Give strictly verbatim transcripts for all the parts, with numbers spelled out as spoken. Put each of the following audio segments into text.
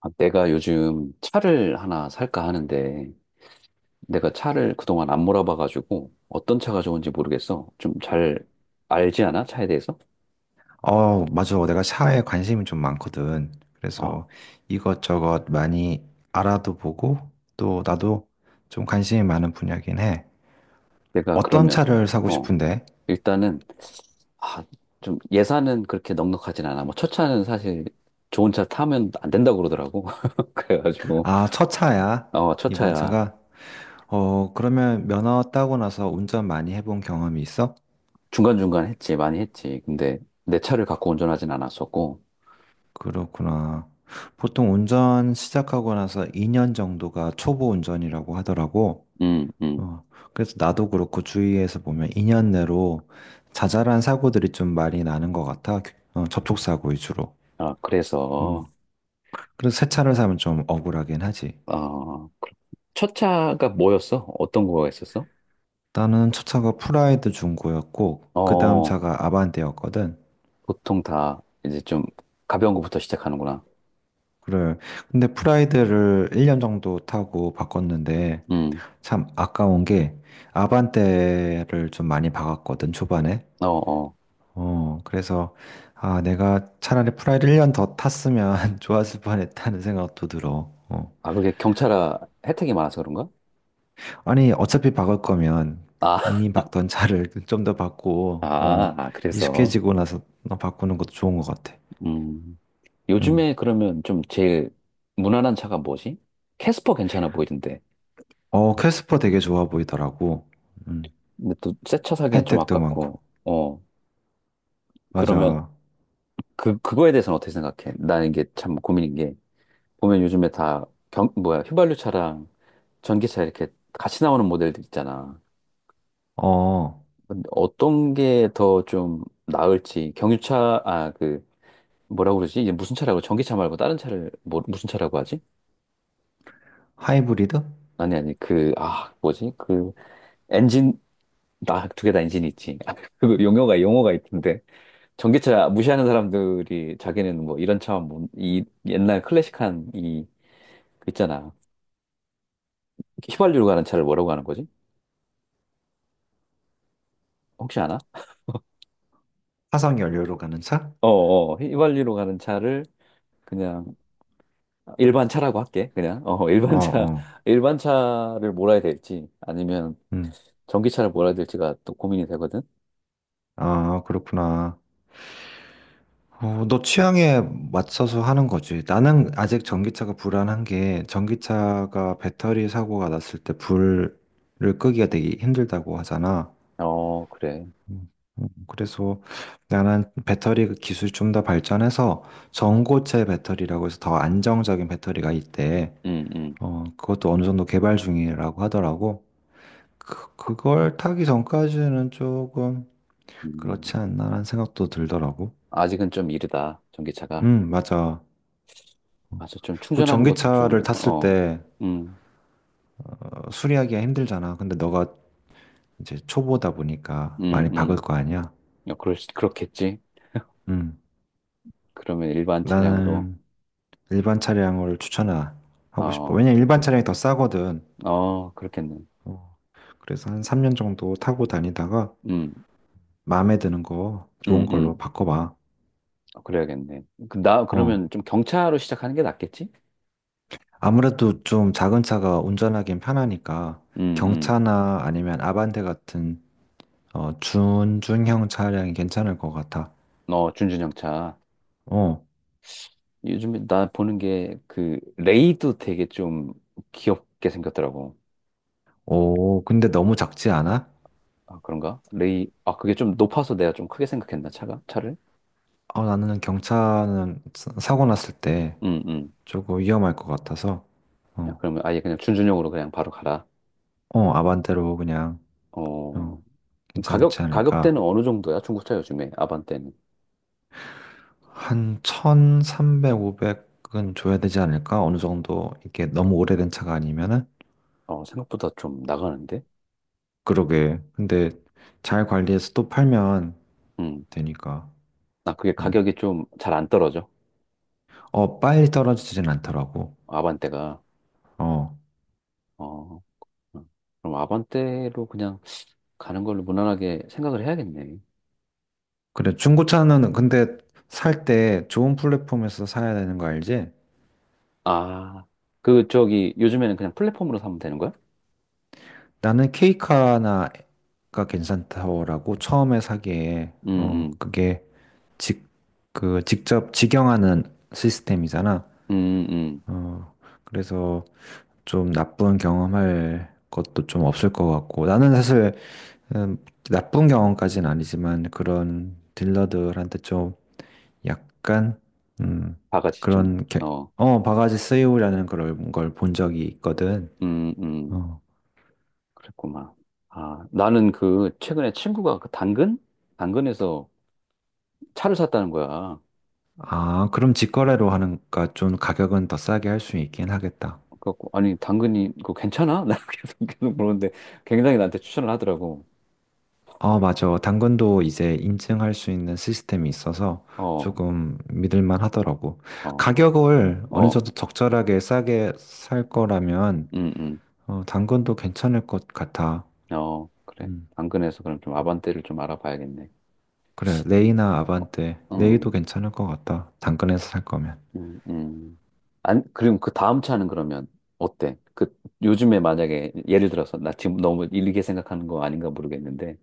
아, 내가 요즘 차를 하나 살까 하는데, 내가 차를 그동안 안 몰아봐가지고, 어떤 차가 좋은지 모르겠어. 좀 잘 알지 않아? 차에 대해서? 어, 맞아. 내가 샤에 관심이 좀 많거든. 아, 그래서 이것저것 많이 알아도 보고 또 나도 좀 관심이 많은 분야긴 해. 내가 어떤 그러면, 차를 사고 어, 싶은데? 일단은, 아, 좀 예산은 그렇게 넉넉하진 않아. 뭐, 첫 차는 사실 좋은 차 타면 안 된다고 그러더라고. 그래가지고, 아, 첫 차야. 어, 첫 이번 차야. 차가. 어, 그러면 면허 따고 나서 운전 많이 해본 경험이 있어? 중간중간 했지, 많이 했지. 근데 내 차를 갖고 운전하진 않았었고, 그렇구나. 보통 운전 시작하고 나서 이 년 정도가 초보 운전이라고 하더라고. 음, 음. 어, 그래서 나도 그렇고 주위에서 보면 이 년 내로 자잘한 사고들이 좀 많이 나는 것 같아. 어, 접촉사고 위주로. 아, 음. 그래서, 그래서 새 차를 사면 좀 억울하긴 하지. 어, 첫 차가 뭐였어? 어떤 거가 있었어? 나는 첫 차가 프라이드 중고였고, 그 다음 어, 차가 아반떼였거든. 보통 다 이제 좀 가벼운 거부터 시작하는구나. 그래. 근데 프라이드를 일 년 정도 타고 바꿨는데, 음, 참 아까운 게 아반떼를 좀 많이 박았거든, 초반에. 어, 어. 어, 그래서, 아, 내가 차라리 프라이를 일 년 더 탔으면 좋았을 뻔했다는 생각도 들어. 어. 아, 그게 경차라 혜택이 많아서 그런가? 아니, 어차피 바꿀 거면 아, 이미 박던 차를 좀 더 바꾸고, 아, 어, 아, 그래서. 익숙해지고 나서 바꾸는 것도 좋은 것 같아. 음. 응. 요즘에 그러면 좀 제일 무난한 차가 뭐지? 캐스퍼 괜찮아 보이던데. 어, 캐스퍼 되게 좋아 보이더라고. 음, 근데 또 새 차 사기엔 좀 혜택도 많고. 아깝고. 어. 그러면 맞아. 그, 그거에 대해서는 어떻게 생각해? 나 이게 참 고민인 게 보면 요즘에 다 경, 뭐야, 휘발유차랑 전기차 이렇게 같이 나오는 모델들 있잖아. 어, 근데 어떤 게 더 좀 나을지, 경유차, 아, 그, 뭐라고 그러지? 이제 무슨 차라고, 전기차 말고 다른 차를, 뭐, 무슨 차라고 하지? 하이브리드? 아니, 아니, 그, 아, 뭐지? 그, 엔진, 나, 두 개 다 엔진이 있지. 아, 그 용어가, 용어가 있던데. 전기차 무시하는 사람들이 자기는 뭐 이런 차, 뭐, 이 옛날 클래식한 이, 그 있잖아. 휘발유로 가는 차를 뭐라고 하는 거지? 혹시 아나? 화석 연료로 가는 차? 어, 어, 휘발유로 가는 차를 그냥 일반 차라고 할게. 그냥 어, 어, 일반 차, 어. 일반 차를 몰아야 될지 아니면 음. 전기차를 몰아야 될지가 또 고민이 되거든. 아, 그렇구나. 어, 너 취향에 맞춰서 하는 거지. 나는 아직 전기차가 불안한 게 전기차가 배터리 사고가 났을 때 불을 끄기가 되게 힘들다고 하잖아. 어, 그래. 음. 음, 그래서 나는 배터리 그 기술이 좀 더 발전해서 전고체 배터리라고 해서 더 안정적인 배터리가 있대. 음, 음, 어, 그것도 어느 정도 개발 중이라고 하더라고. 그, 그걸 타기 전까지는 조금 음. 그렇지 않나라는 생각도 들더라고. 아직은 좀 이르다. 전기차가. 음, 맞아. 맞아. 좀 그 충전하는 것도 좀 전기차를 탔을 어. 때 음, 수리하기가 힘들잖아. 근데 너가 이제 초보다 보니까 많이 음, 박을 음. 거 아니야. 어, 그럴 수- 그렇겠지. 음. 그러면 일반 차량으로 나는 일반 차량을 추천하고 싶어. 어, 왜냐면 일반 차량이 더 싸거든. 어, 그렇겠네. 어, 그래서 한 삼 년 정도 타고 다니다가 음, 마음에 드는 거 좋은 음, 걸로 음. 바꿔봐. 어, 그래야겠네. 그, 나 어. 그러면 좀 경차로 시작하는 게 낫겠지? 아무래도 좀 작은 차가 운전하기엔 편하니까 음, 음. 경차나 아니면 아반떼 같은 어, 준중형 차량이 괜찮을 것 같아. 어, 준준형차. 어. 요즘에 나 보는 게 그 레이도 되게 좀 귀엽게 생겼더라고. 오, 근데 너무 작지 않아? 아, 그런가? 레이. 아, 그게 좀 높아서 내가 좀 크게 생각했나, 차가? 차를? 어, 나는 경차는 사- 사고 났을 때 음, 음. 조금 위험할 것 같아서, 야, 어, 그러면 아예 그냥 준준형으로 그냥 바로 가라. 어, 아반떼로 그냥, 어, 어, 괜찮지 가격, 않을까. 가격대는 어느 정도야? 중고차 요즘에 아반떼는. 한 천삼백, 오백은 줘야 되지 않을까? 어느 정도, 이게 너무 오래된 차가 아니면은? 어, 생각보다 좀 나가는데? 그러게. 근데 잘 관리해서 또 팔면 음. 되니까. 나 그게 음. 가격이 좀 잘 안 떨어져. 어, 빨리 떨어지진 않더라고. 아반떼가. 어. 어. 음. 그럼 아반떼로 그냥 가는 걸로 무난하게 생각을 해야겠네. 그래, 중고차는 근데 살 때 좋은 플랫폼에서 사야 되는 거 알지? 아, 그, 저기, 요즘에는 그냥 플랫폼으로 사면 되는 거야? 나는 케이카나가 괜찮다고 처음에 사기에, 음, 어, 음, 그게 직, 그, 직접 직영하는 시스템이잖아. 음, 음. 어, 그래서 좀 나쁜 경험할 것도 좀 없을 것 같고. 나는 사실, 음, 나쁜 경험까지는 아니지만 그런 딜러들한테 좀 약간, 음, 다 같이 좀, 그런, 게- 어, 어, 바가지 쓰이오라는 그런 걸 본 적이 있거든. 음, 음. 어, 그랬구만. 아, 나는 그, 최근에 친구가 그 당근? 당근에서 차를 샀다는 거야. 아, 그럼 직거래로 하니까 좀 가격은 더 싸게 할 수 있긴 하겠다. 그래갖고, 아니, 당근이, 그거 괜찮아? 나 계속, 계속 물었는데, 굉장히 나한테 추천을 하더라고. 어, 맞아. 당근도 이제 인증할 수 있는 시스템이 있어서 어, 조금 믿을만 하더라고. 어, 가격을 어느 어, 정도 적절하게 싸게 살 거라면 음, 음. 어, 당근도 괜찮을 것 같아. 어, 그래. 음. 당근에서 그럼 좀 아반떼를 좀 알아봐야겠네. 그래, 레이나 어, 아반떼, 레이도 음. 괜찮을 것 같다. 당근에서 살 거면. 음, 음. 안, 그럼 그 다음 차는 그러면 어때? 그 요즘에 만약에 예를 들어서 나 지금 너무 일리게 생각하는 거 아닌가 모르겠는데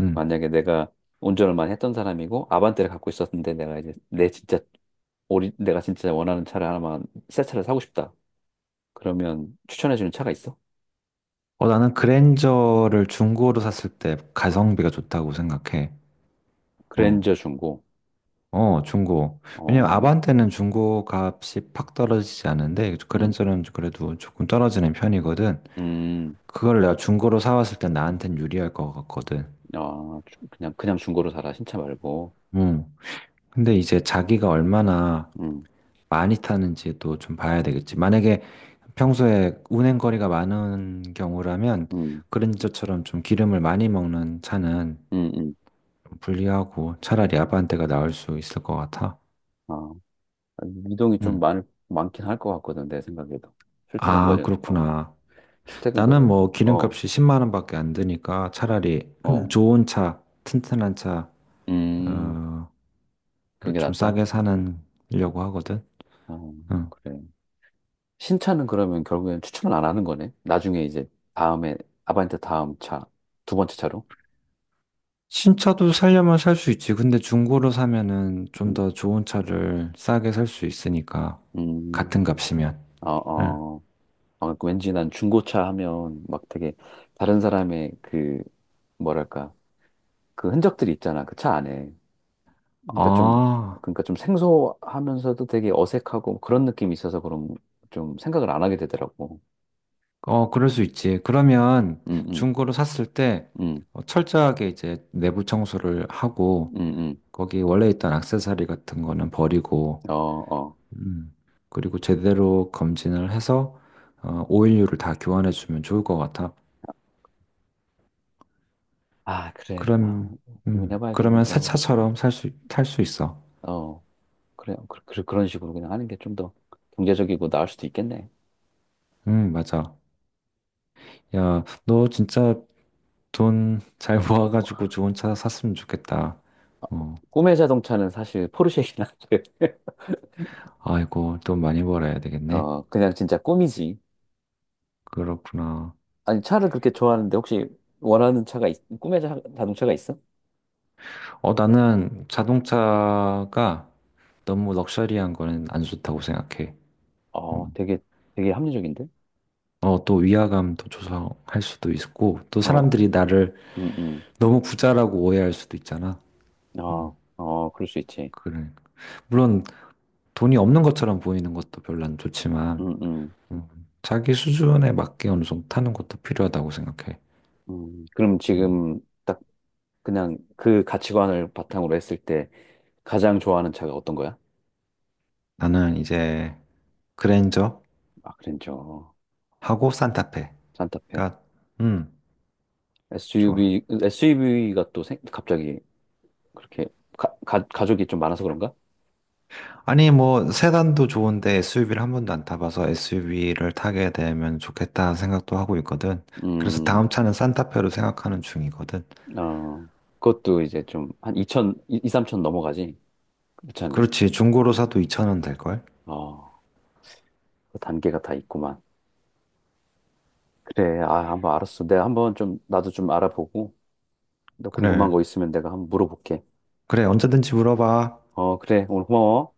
음. 만약에 내가 운전을 많이 했던 사람이고 아반떼를 갖고 있었는데 내가 이제 내 진짜 오리, 내가 진짜 원하는 차를 하나만 새 차를 사고 싶다. 그러면 추천해주는 차가 있어? 어, 나는 그랜저를 중고로 샀을 때 가성비가 좋다고 생각해. 어. 그랜저 중고. 어, 중고. 왜냐면 어, 아반떼는 중고 값이 팍 떨어지지 않는데 음, 그랜저는 그래도 조금 떨어지는 편이거든. 음, 그걸 내가 중고로 사왔을 때 나한텐 유리할 것 같거든. 아, 주- 그냥 그냥 중고로 사라 신차 말고. 음. 근데 이제 자기가 얼마나 음, 많이 타는지도 좀 봐야 되겠지. 만약에 평소에 운행거리가 많은 경우라면 음, 그랜저처럼 좀 기름을 많이 먹는 차는 음, 음. 좀 불리하고 차라리 아반떼가 나을 수 있을 것 같아. 아. 이동이 좀 음. 많, 많긴 할 것 같거든, 내 생각에도. 출퇴근 아, 거리, 어, 그렇구나. 출퇴근 나는 거리, 뭐 어, 기름값이 십만 원밖에 안 드니까 차라리 어, 좋은 차, 튼튼한 차, 음, 어, 그게 를좀 낫다? 싸게 사려고 하거든. 어, 응. 그래. 신차는 그러면 결국엔 추천을 안 하는 거네? 나중에 이제 다음에, 아반떼 다음 차, 두 번째 차로? 신차도 살려면 살 수 있지. 근데 중고로 사면은 좀 음, 더 좋은 차를 싸게 살 수 있으니까. 같은 음, 값이면. 어, 응. 어. 아, 그 왠지 난 중고차 하면 막 되게 다른 사람의 그, 뭐랄까, 그 흔적들이 있잖아, 그 차 안에. 그러니까 좀 아, 그러니까 좀 생소하면서도 되게 어색하고 그런 느낌이 있어서 그런 좀 생각을 안 하게 되더라고. 어, 그럴 수 있지. 그러면 음, 음, 중고로 샀을 때 음, 어, 철저하게 이제 내부 청소를 하고 음, 거기 원래 있던 액세서리 같은 거는 버리고 음. 어, 어. 음. 그리고 제대로 검진을 해서 어, 오일류를 다 교환해 주면 좋을 것 같아. 아, 그래. 아, 그럼 음, 고민해봐야겠네, 그러면 새 더. 차처럼 살 수, 탈 수 있어. 어, 그래. 어, 그, 그, 그런 식으로 그냥 하는 게 좀 더 경제적이고 나을 수도 있겠네. 음, 맞아. 야, 너 진짜 돈 잘 어, 모아가지고 좋은 차 샀으면 좋겠다. 어, 꿈의 자동차는 사실 포르쉐이긴 한데. 아이고, 돈 많이 벌어야 되겠네. 어, 그냥 진짜 꿈이지. 그렇구나. 아니, 차를 그렇게 좋아하는데 혹시 원하는 차가, 있, 꿈의 자, 동차가 있어? 어, 나는 자동차가 너무 럭셔리한 거는 안 좋다고 생각해. 어, 음. 되게, 되게 합리적인데? 어, 또 위화감도 조성할 수도 있고, 또 어, 사람들이 나를 음, 음. 너무 부자라고 오해할 수도 있잖아. 아, 음, 어, 그럴 수 있지. 그래. 물론 돈이 없는 것처럼 보이는 것도 별로 안 좋지만, 음, 음, 음, 자기 수준에 맞게 어느 정도 타는 것도 필요하다고 생각해. 음. 그럼 음, 지금 딱 그냥 그 가치관을 바탕으로 했을 때 가장 좋아하는 차가 어떤 거야? 나는 이제 그랜저하고 아, 그랜저, 산타페가, 산타페. 음, 좋아. 에스유브이, 에스유브이가 또 생, 갑자기 그렇게 가, 가, 가족이 좀 많아서 그런가? 아니, 뭐, 세단도 좋은데 에스유브이를 한 번도 안 타봐서 에스유브이를 타게 되면 좋겠다 생각도 하고 있거든. 그래서 음, 다음 차는 산타페로 생각하는 중이거든. 어, 그것도 이제 좀 한 이천, 이, 삼천 넘어가지. 그 차는. 그렇지, 중고로 사도 이천 원 될걸? 어, 그 단계가 다 있구만. 그래, 아, 한번 알았어. 내가 한번 좀, 나도 좀 알아보고, 너 궁금한 그래. 거 있으면 내가 한번 물어볼게. 그래, 언제든지 물어봐. 어, 그래. 오늘 고마워.